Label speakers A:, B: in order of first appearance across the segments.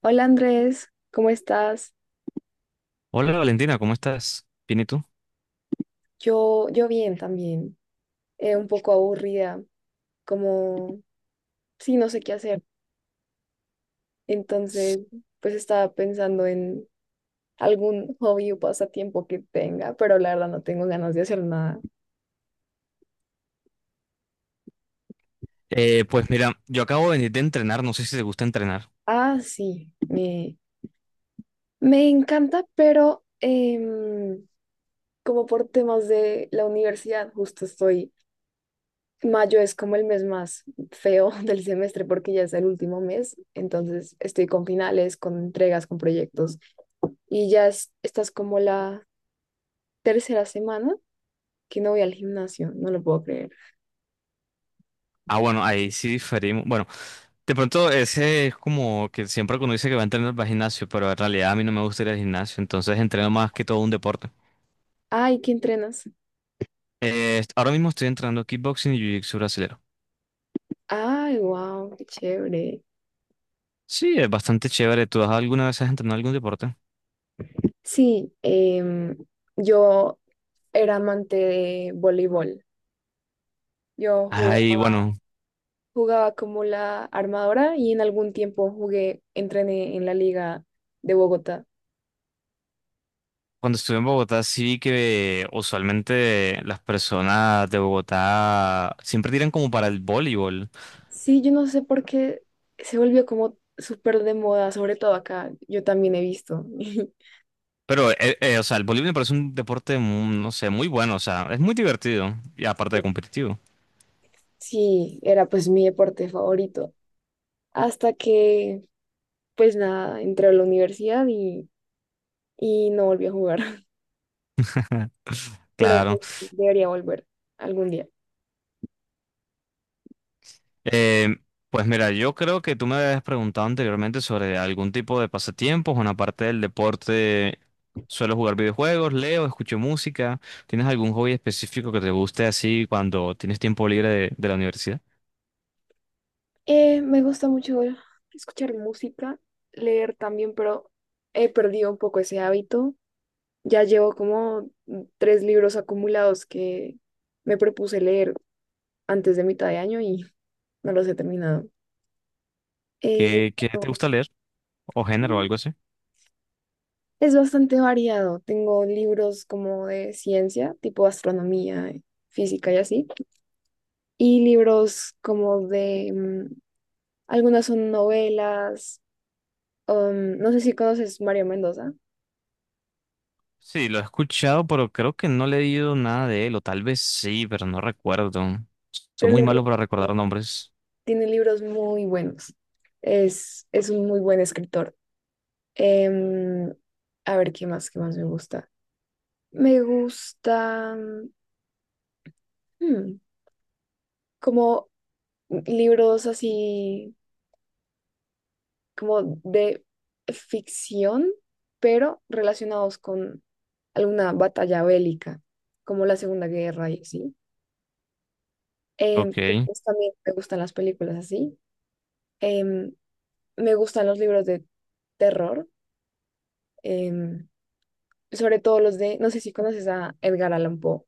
A: Hola Andrés, ¿cómo estás?
B: Hola Valentina, ¿cómo estás? Bien, ¿y tú?
A: Yo bien también, un poco aburrida, como, sí, no sé qué hacer. Entonces, pues estaba pensando en algún hobby o pasatiempo que tenga, pero la verdad no tengo ganas de hacer nada.
B: Pues mira, yo acabo de venir de entrenar, no sé si te gusta entrenar.
A: Ah, sí, me encanta, pero como por temas de la universidad, justo estoy. Mayo es como el mes más feo del semestre porque ya es el último mes, entonces estoy con finales, con entregas, con proyectos, y ya es, esta es como la tercera semana que no voy al gimnasio, no lo puedo creer.
B: Ah, bueno, ahí sí diferimos. Bueno, de pronto ese es como que siempre que uno dice que va a entrenar para el gimnasio, pero en realidad a mí no me gusta ir al gimnasio, entonces entreno más que todo un deporte.
A: Ay, ¿qué entrenas?
B: Ahora mismo estoy entrenando kickboxing y jiu-jitsu brasilero.
A: Ay, wow, qué chévere.
B: Sí, es bastante chévere. Alguna vez has entrenado algún deporte?
A: Sí, yo era amante de voleibol. Yo
B: Ay,
A: jugaba,
B: bueno,
A: jugaba como la armadora y en algún tiempo jugué, entrené en la liga de Bogotá.
B: cuando estuve en Bogotá sí vi que usualmente las personas de Bogotá siempre tiran como para el voleibol.
A: Sí, yo no sé por qué se volvió como súper de moda, sobre todo acá. Yo también he visto.
B: Pero o sea, el voleibol me parece un deporte, no sé, muy bueno, o sea, es muy divertido y aparte de competitivo,
A: Sí, era pues mi deporte favorito. Hasta que, pues nada, entré a la universidad y no volví a jugar. Pero
B: claro.
A: pues debería volver algún día.
B: Eh, pues mira, yo creo que tú me habías preguntado anteriormente sobre algún tipo de pasatiempos, bueno, aparte del deporte, suelo jugar videojuegos, leo, escucho música. ¿Tienes algún hobby específico que te guste así cuando tienes tiempo libre de la universidad?
A: Me gusta mucho escuchar música, leer también, pero he perdido un poco ese hábito. Ya llevo como tres libros acumulados que me propuse leer antes de mitad de año y no los he terminado. Eh,
B: ¿Qué te
A: pero
B: gusta leer o género o algo así?
A: es bastante variado. Tengo libros como de ciencia, tipo astronomía, física y así, y libros como de... algunas son novelas. No sé si conoces Mario Mendoza,
B: Sí, lo he escuchado, pero creo que no le he leído nada de él, o tal vez sí, pero no recuerdo. Soy
A: pero
B: muy malo para recordar nombres.
A: tiene libros muy buenos. Es un muy buen escritor. Em, a ver, ¿qué más? ¿Qué más me gusta? Me gusta, mm, como libros así como de ficción, pero relacionados con alguna batalla bélica, como la Segunda Guerra y así. Em,
B: Ok,
A: sí, pues también me gustan las películas así. Em, me gustan los libros de terror, em, sobre todo los de, no sé si conoces a Edgar Allan Poe,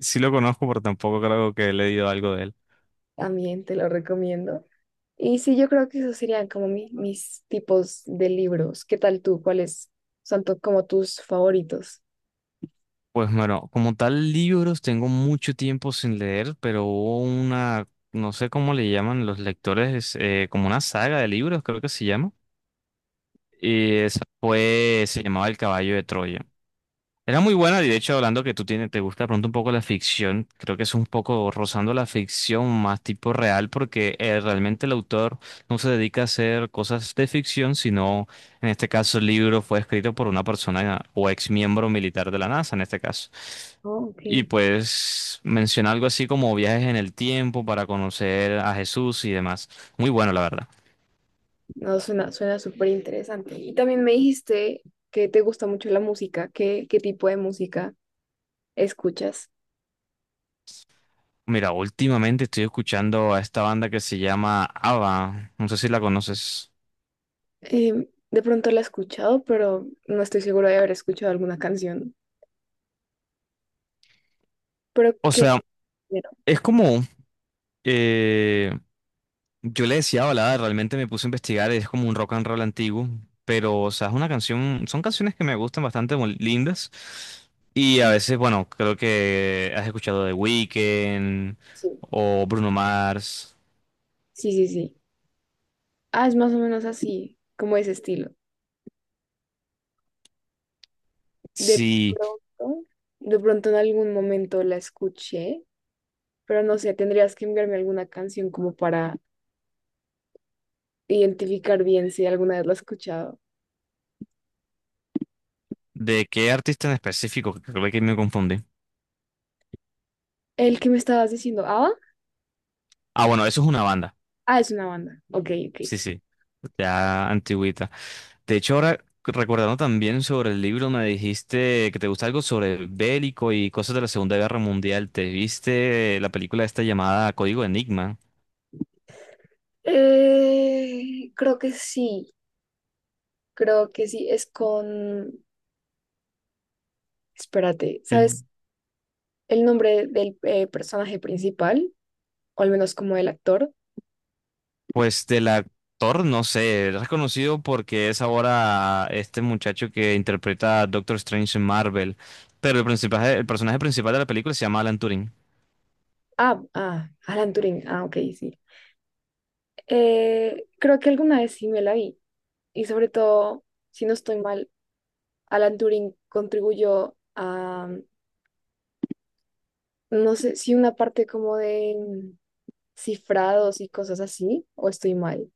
B: sí lo conozco, pero tampoco creo que he leído algo de él.
A: también te lo recomiendo. Y sí, yo creo que esos serían como mis tipos de libros. ¿Qué tal tú? ¿Cuáles son como tus favoritos?
B: Pues bueno, como tal, libros tengo mucho tiempo sin leer, pero hubo una, no sé cómo le llaman los lectores, como una saga de libros, creo que se llama. Y esa fue, se llamaba El Caballo de Troya. Era muy buena, y de hecho, hablando que tú tienes, te gusta de pronto un poco la ficción, creo que es un poco rozando la ficción más tipo real, porque realmente el autor no se dedica a hacer cosas de ficción, sino en este caso el libro fue escrito por una persona o ex miembro militar de la NASA, en este caso.
A: Oh, ok.
B: Y pues menciona algo así como viajes en el tiempo para conocer a Jesús y demás. Muy bueno, la verdad.
A: No, suena, suena súper interesante. Y también me dijiste que te gusta mucho la música. ¿Qué, qué tipo de música escuchas?
B: Mira, últimamente estoy escuchando a esta banda que se llama ABBA. No sé si la conoces.
A: Em, de pronto la he escuchado, pero no estoy segura de haber escuchado alguna canción. ¿Pero
B: O
A: qué
B: sea,
A: género?
B: es como, eh, yo le decía balada, realmente me puse a investigar, es como un rock and roll antiguo, pero, o sea, es una canción, son canciones que me gustan bastante muy lindas. Y a veces, bueno, creo que has escuchado The Weeknd
A: Sí.
B: o Bruno Mars.
A: Sí, sí, sí. Ah, es más o menos así, como ese estilo. De
B: Sí,
A: pronto, de pronto en algún momento la escuché, pero no sé, tendrías que enviarme alguna canción como para identificar bien si alguna vez la he escuchado.
B: ¿de qué artista en específico? Creo que me confundí.
A: El que me estabas diciendo, ¿Ava?
B: Ah, bueno, eso es una banda.
A: Ah, es una banda. Ok, ok.
B: Sí, sí, ya antigüita. De hecho, ahora recordando también sobre el libro, me dijiste que te gusta algo sobre bélico y cosas de la Segunda Guerra Mundial. ¿Te viste la película esta llamada Código Enigma?
A: Eh, creo que sí, creo que sí, es con, espérate,
B: El,
A: ¿sabes el nombre del personaje principal? O al menos como el actor.
B: pues del actor, no sé, es reconocido porque es ahora este muchacho que interpreta a Doctor Strange en Marvel, pero el personaje principal de la película se llama Alan Turing.
A: Ah, ah, Alan Turing, ah, ok, sí. Creo que alguna vez sí me la vi. Y sobre todo, si no estoy mal, Alan Turing contribuyó a. No sé si una parte como de, cifrados y cosas así, o estoy mal.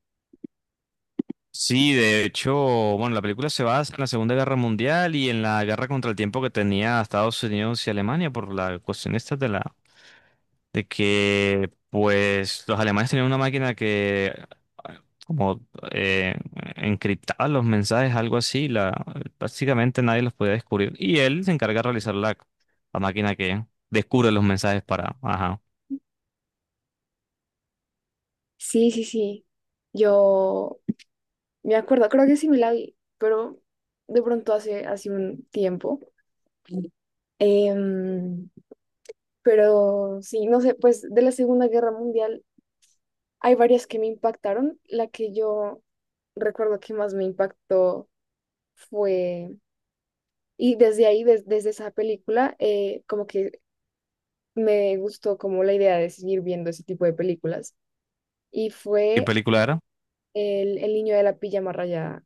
B: Sí, de hecho, bueno, la película se basa en la Segunda Guerra Mundial y en la guerra contra el tiempo que tenía Estados Unidos y Alemania por la cuestión esta de que pues los alemanes tenían una máquina que ah, como eh, encriptaba los mensajes, algo así, la básicamente nadie los podía descubrir y él se encarga de realizar la máquina que descubre los mensajes para, ajá.
A: Sí, sí, sí. Yo me acuerdo, creo que sí me la vi, pero de pronto hace un tiempo. Em, pero sí, no sé, pues de la Segunda Guerra Mundial hay varias que me impactaron. La que yo recuerdo que más me impactó fue, y desde ahí, desde esa película, como que me gustó como la idea de seguir viendo ese tipo de películas. Y
B: ¿Qué
A: fue
B: película era?
A: el niño de la pijama rayada.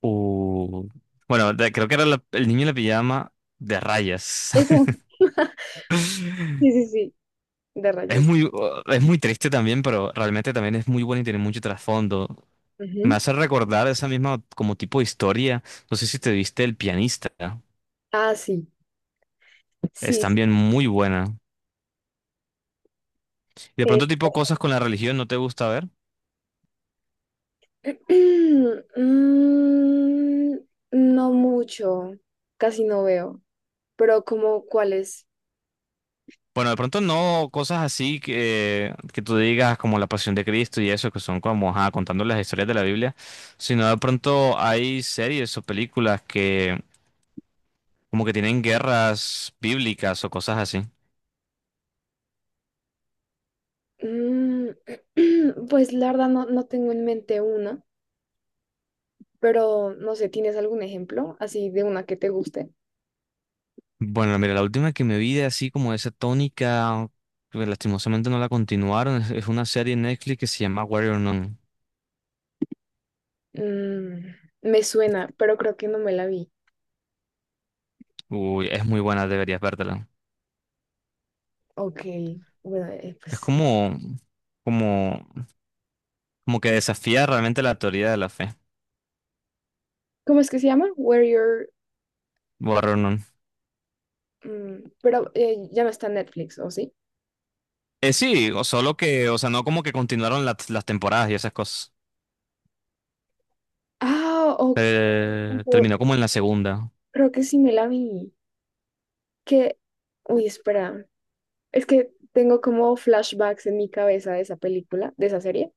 B: Uh, bueno, creo que era El niño en la pijama de rayas.
A: Eso, sí, sí, sí. De
B: Es
A: rayas.
B: muy, es muy triste también, pero realmente también es muy bueno y tiene mucho trasfondo. Me
A: Ujú.
B: hace recordar esa misma como tipo de historia. No sé si te viste El pianista.
A: Ah, sí,
B: Es
A: sí, sí.
B: también muy buena. Y de
A: Eh,
B: pronto tipo cosas con la religión no te gusta ver.
A: mm, no mucho, casi no veo. Pero como cuáles.
B: Bueno, de pronto no cosas así que tú digas como la Pasión de Cristo y eso, que son como ajá, contando las historias de la Biblia, sino de pronto hay series o películas que como que tienen guerras bíblicas o cosas así.
A: Mm, pues la verdad no tengo en mente una, pero no sé, ¿tienes algún ejemplo así de una que te guste?
B: Bueno, mira, la última que me vi de así como esa tónica, que lastimosamente no la continuaron, es una serie en Netflix que se llama Warrior Nun.
A: Mm, me suena, pero creo que no me la vi.
B: Uy, es muy buena, deberías vértela.
A: Ok, bueno,
B: Es
A: pues,
B: como, como, como que desafía realmente la teoría de la fe.
A: ¿cómo es que se llama? Where Your...
B: Warrior Nun.
A: Mm, pero ya no está en Netflix, ¿o sí?
B: Sí, o solo que, o sea, no como que continuaron las temporadas y esas cosas.
A: Ah, o-
B: Terminó como en la segunda.
A: creo que sí me la vi. Que, uy, espera, es que tengo como flashbacks en mi cabeza de esa película, de esa serie.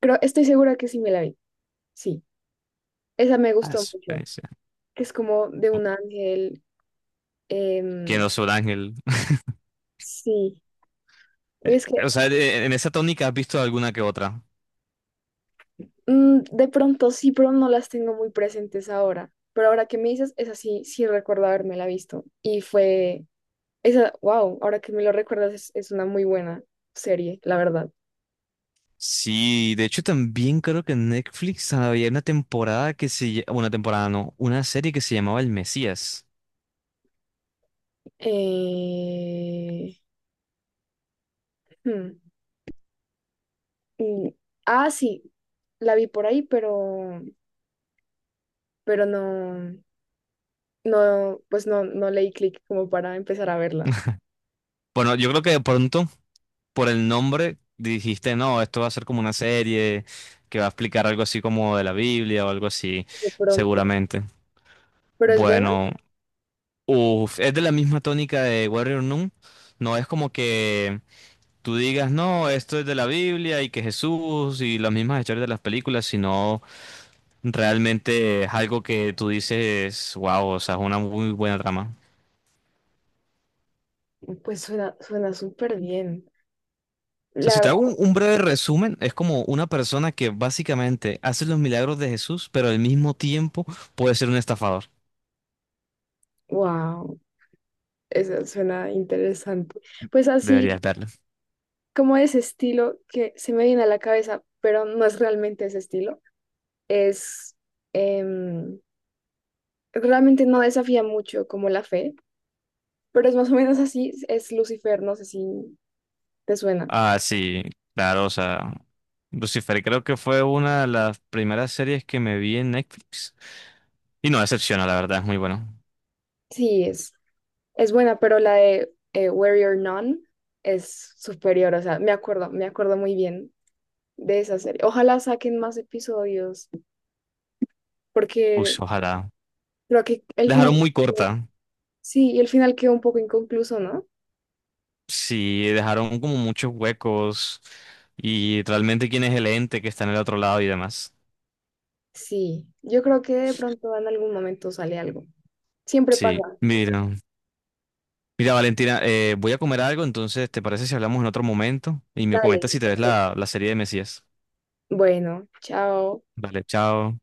A: Creo, estoy segura que sí me la vi. Sí, esa me gustó mucho,
B: Sí.
A: que es como de un ángel.
B: ¿Quién
A: Em,
B: no es un ángel?
A: sí, uy,
B: Eh,
A: es que
B: O sea, en esa tónica has visto alguna que otra.
A: mm, de pronto sí, pero no las tengo muy presentes ahora. Pero ahora que me dices, esa sí, sí recuerdo la visto. Y fue, esa, wow, ahora que me lo recuerdas, es una muy buena serie, la verdad.
B: Sí, de hecho también creo que en Netflix había una temporada que una temporada no, una serie que se llamaba El Mesías.
A: Eh, hmm, mm, ah, sí, la vi por ahí, pero no, no, pues no, no leí clic como para empezar a verla.
B: Bueno, yo creo que de pronto por el nombre dijiste, no, esto va a ser como una serie que va a explicar algo así como de la Biblia o algo así,
A: De pronto.
B: seguramente.
A: Pero es buena.
B: Bueno, uf, es de la misma tónica de Warrior Nun. No es como que tú digas, no, esto es de la Biblia y que Jesús y las mismas historias de las películas, sino realmente es algo que tú dices, wow, o sea, es una muy buena trama.
A: Pues suena, suena súper bien.
B: O sea,
A: La
B: si te hago
A: verdad,
B: un breve resumen, es como una persona que básicamente hace los milagros de Jesús, pero al mismo tiempo puede ser un estafador.
A: wow, eso suena interesante. Pues
B: Deberías
A: así
B: verlo.
A: como ese estilo que se me viene a la cabeza, pero no es realmente ese estilo, es em, realmente no desafía mucho como la fe, pero es más o menos así, es Lucifer, no sé si te suena.
B: Ah, sí, claro, o sea, Lucifer creo que fue una de las primeras series que me vi en Netflix. Y no decepciona, la verdad, es muy bueno.
A: Sí, es buena, pero la de Where You're None es superior, o sea, me acuerdo muy bien de esa serie. Ojalá saquen más episodios.
B: Uy,
A: Porque
B: ojalá.
A: creo que el
B: La
A: final,
B: dejaron muy corta.
A: sí, y el final quedó un poco inconcluso, ¿no?
B: Sí, dejaron como muchos huecos y realmente quién es el ente que está en el otro lado y demás.
A: Sí, yo creo que de pronto en algún momento sale algo. Siempre pasa.
B: Sí, mira. Mira, Valentina, voy a comer algo, entonces, ¿te parece si hablamos en otro momento? Y me
A: Dale,
B: comentas si te ves
A: perfecto.
B: la serie de Mesías.
A: Bueno, chao.
B: Vale, chao.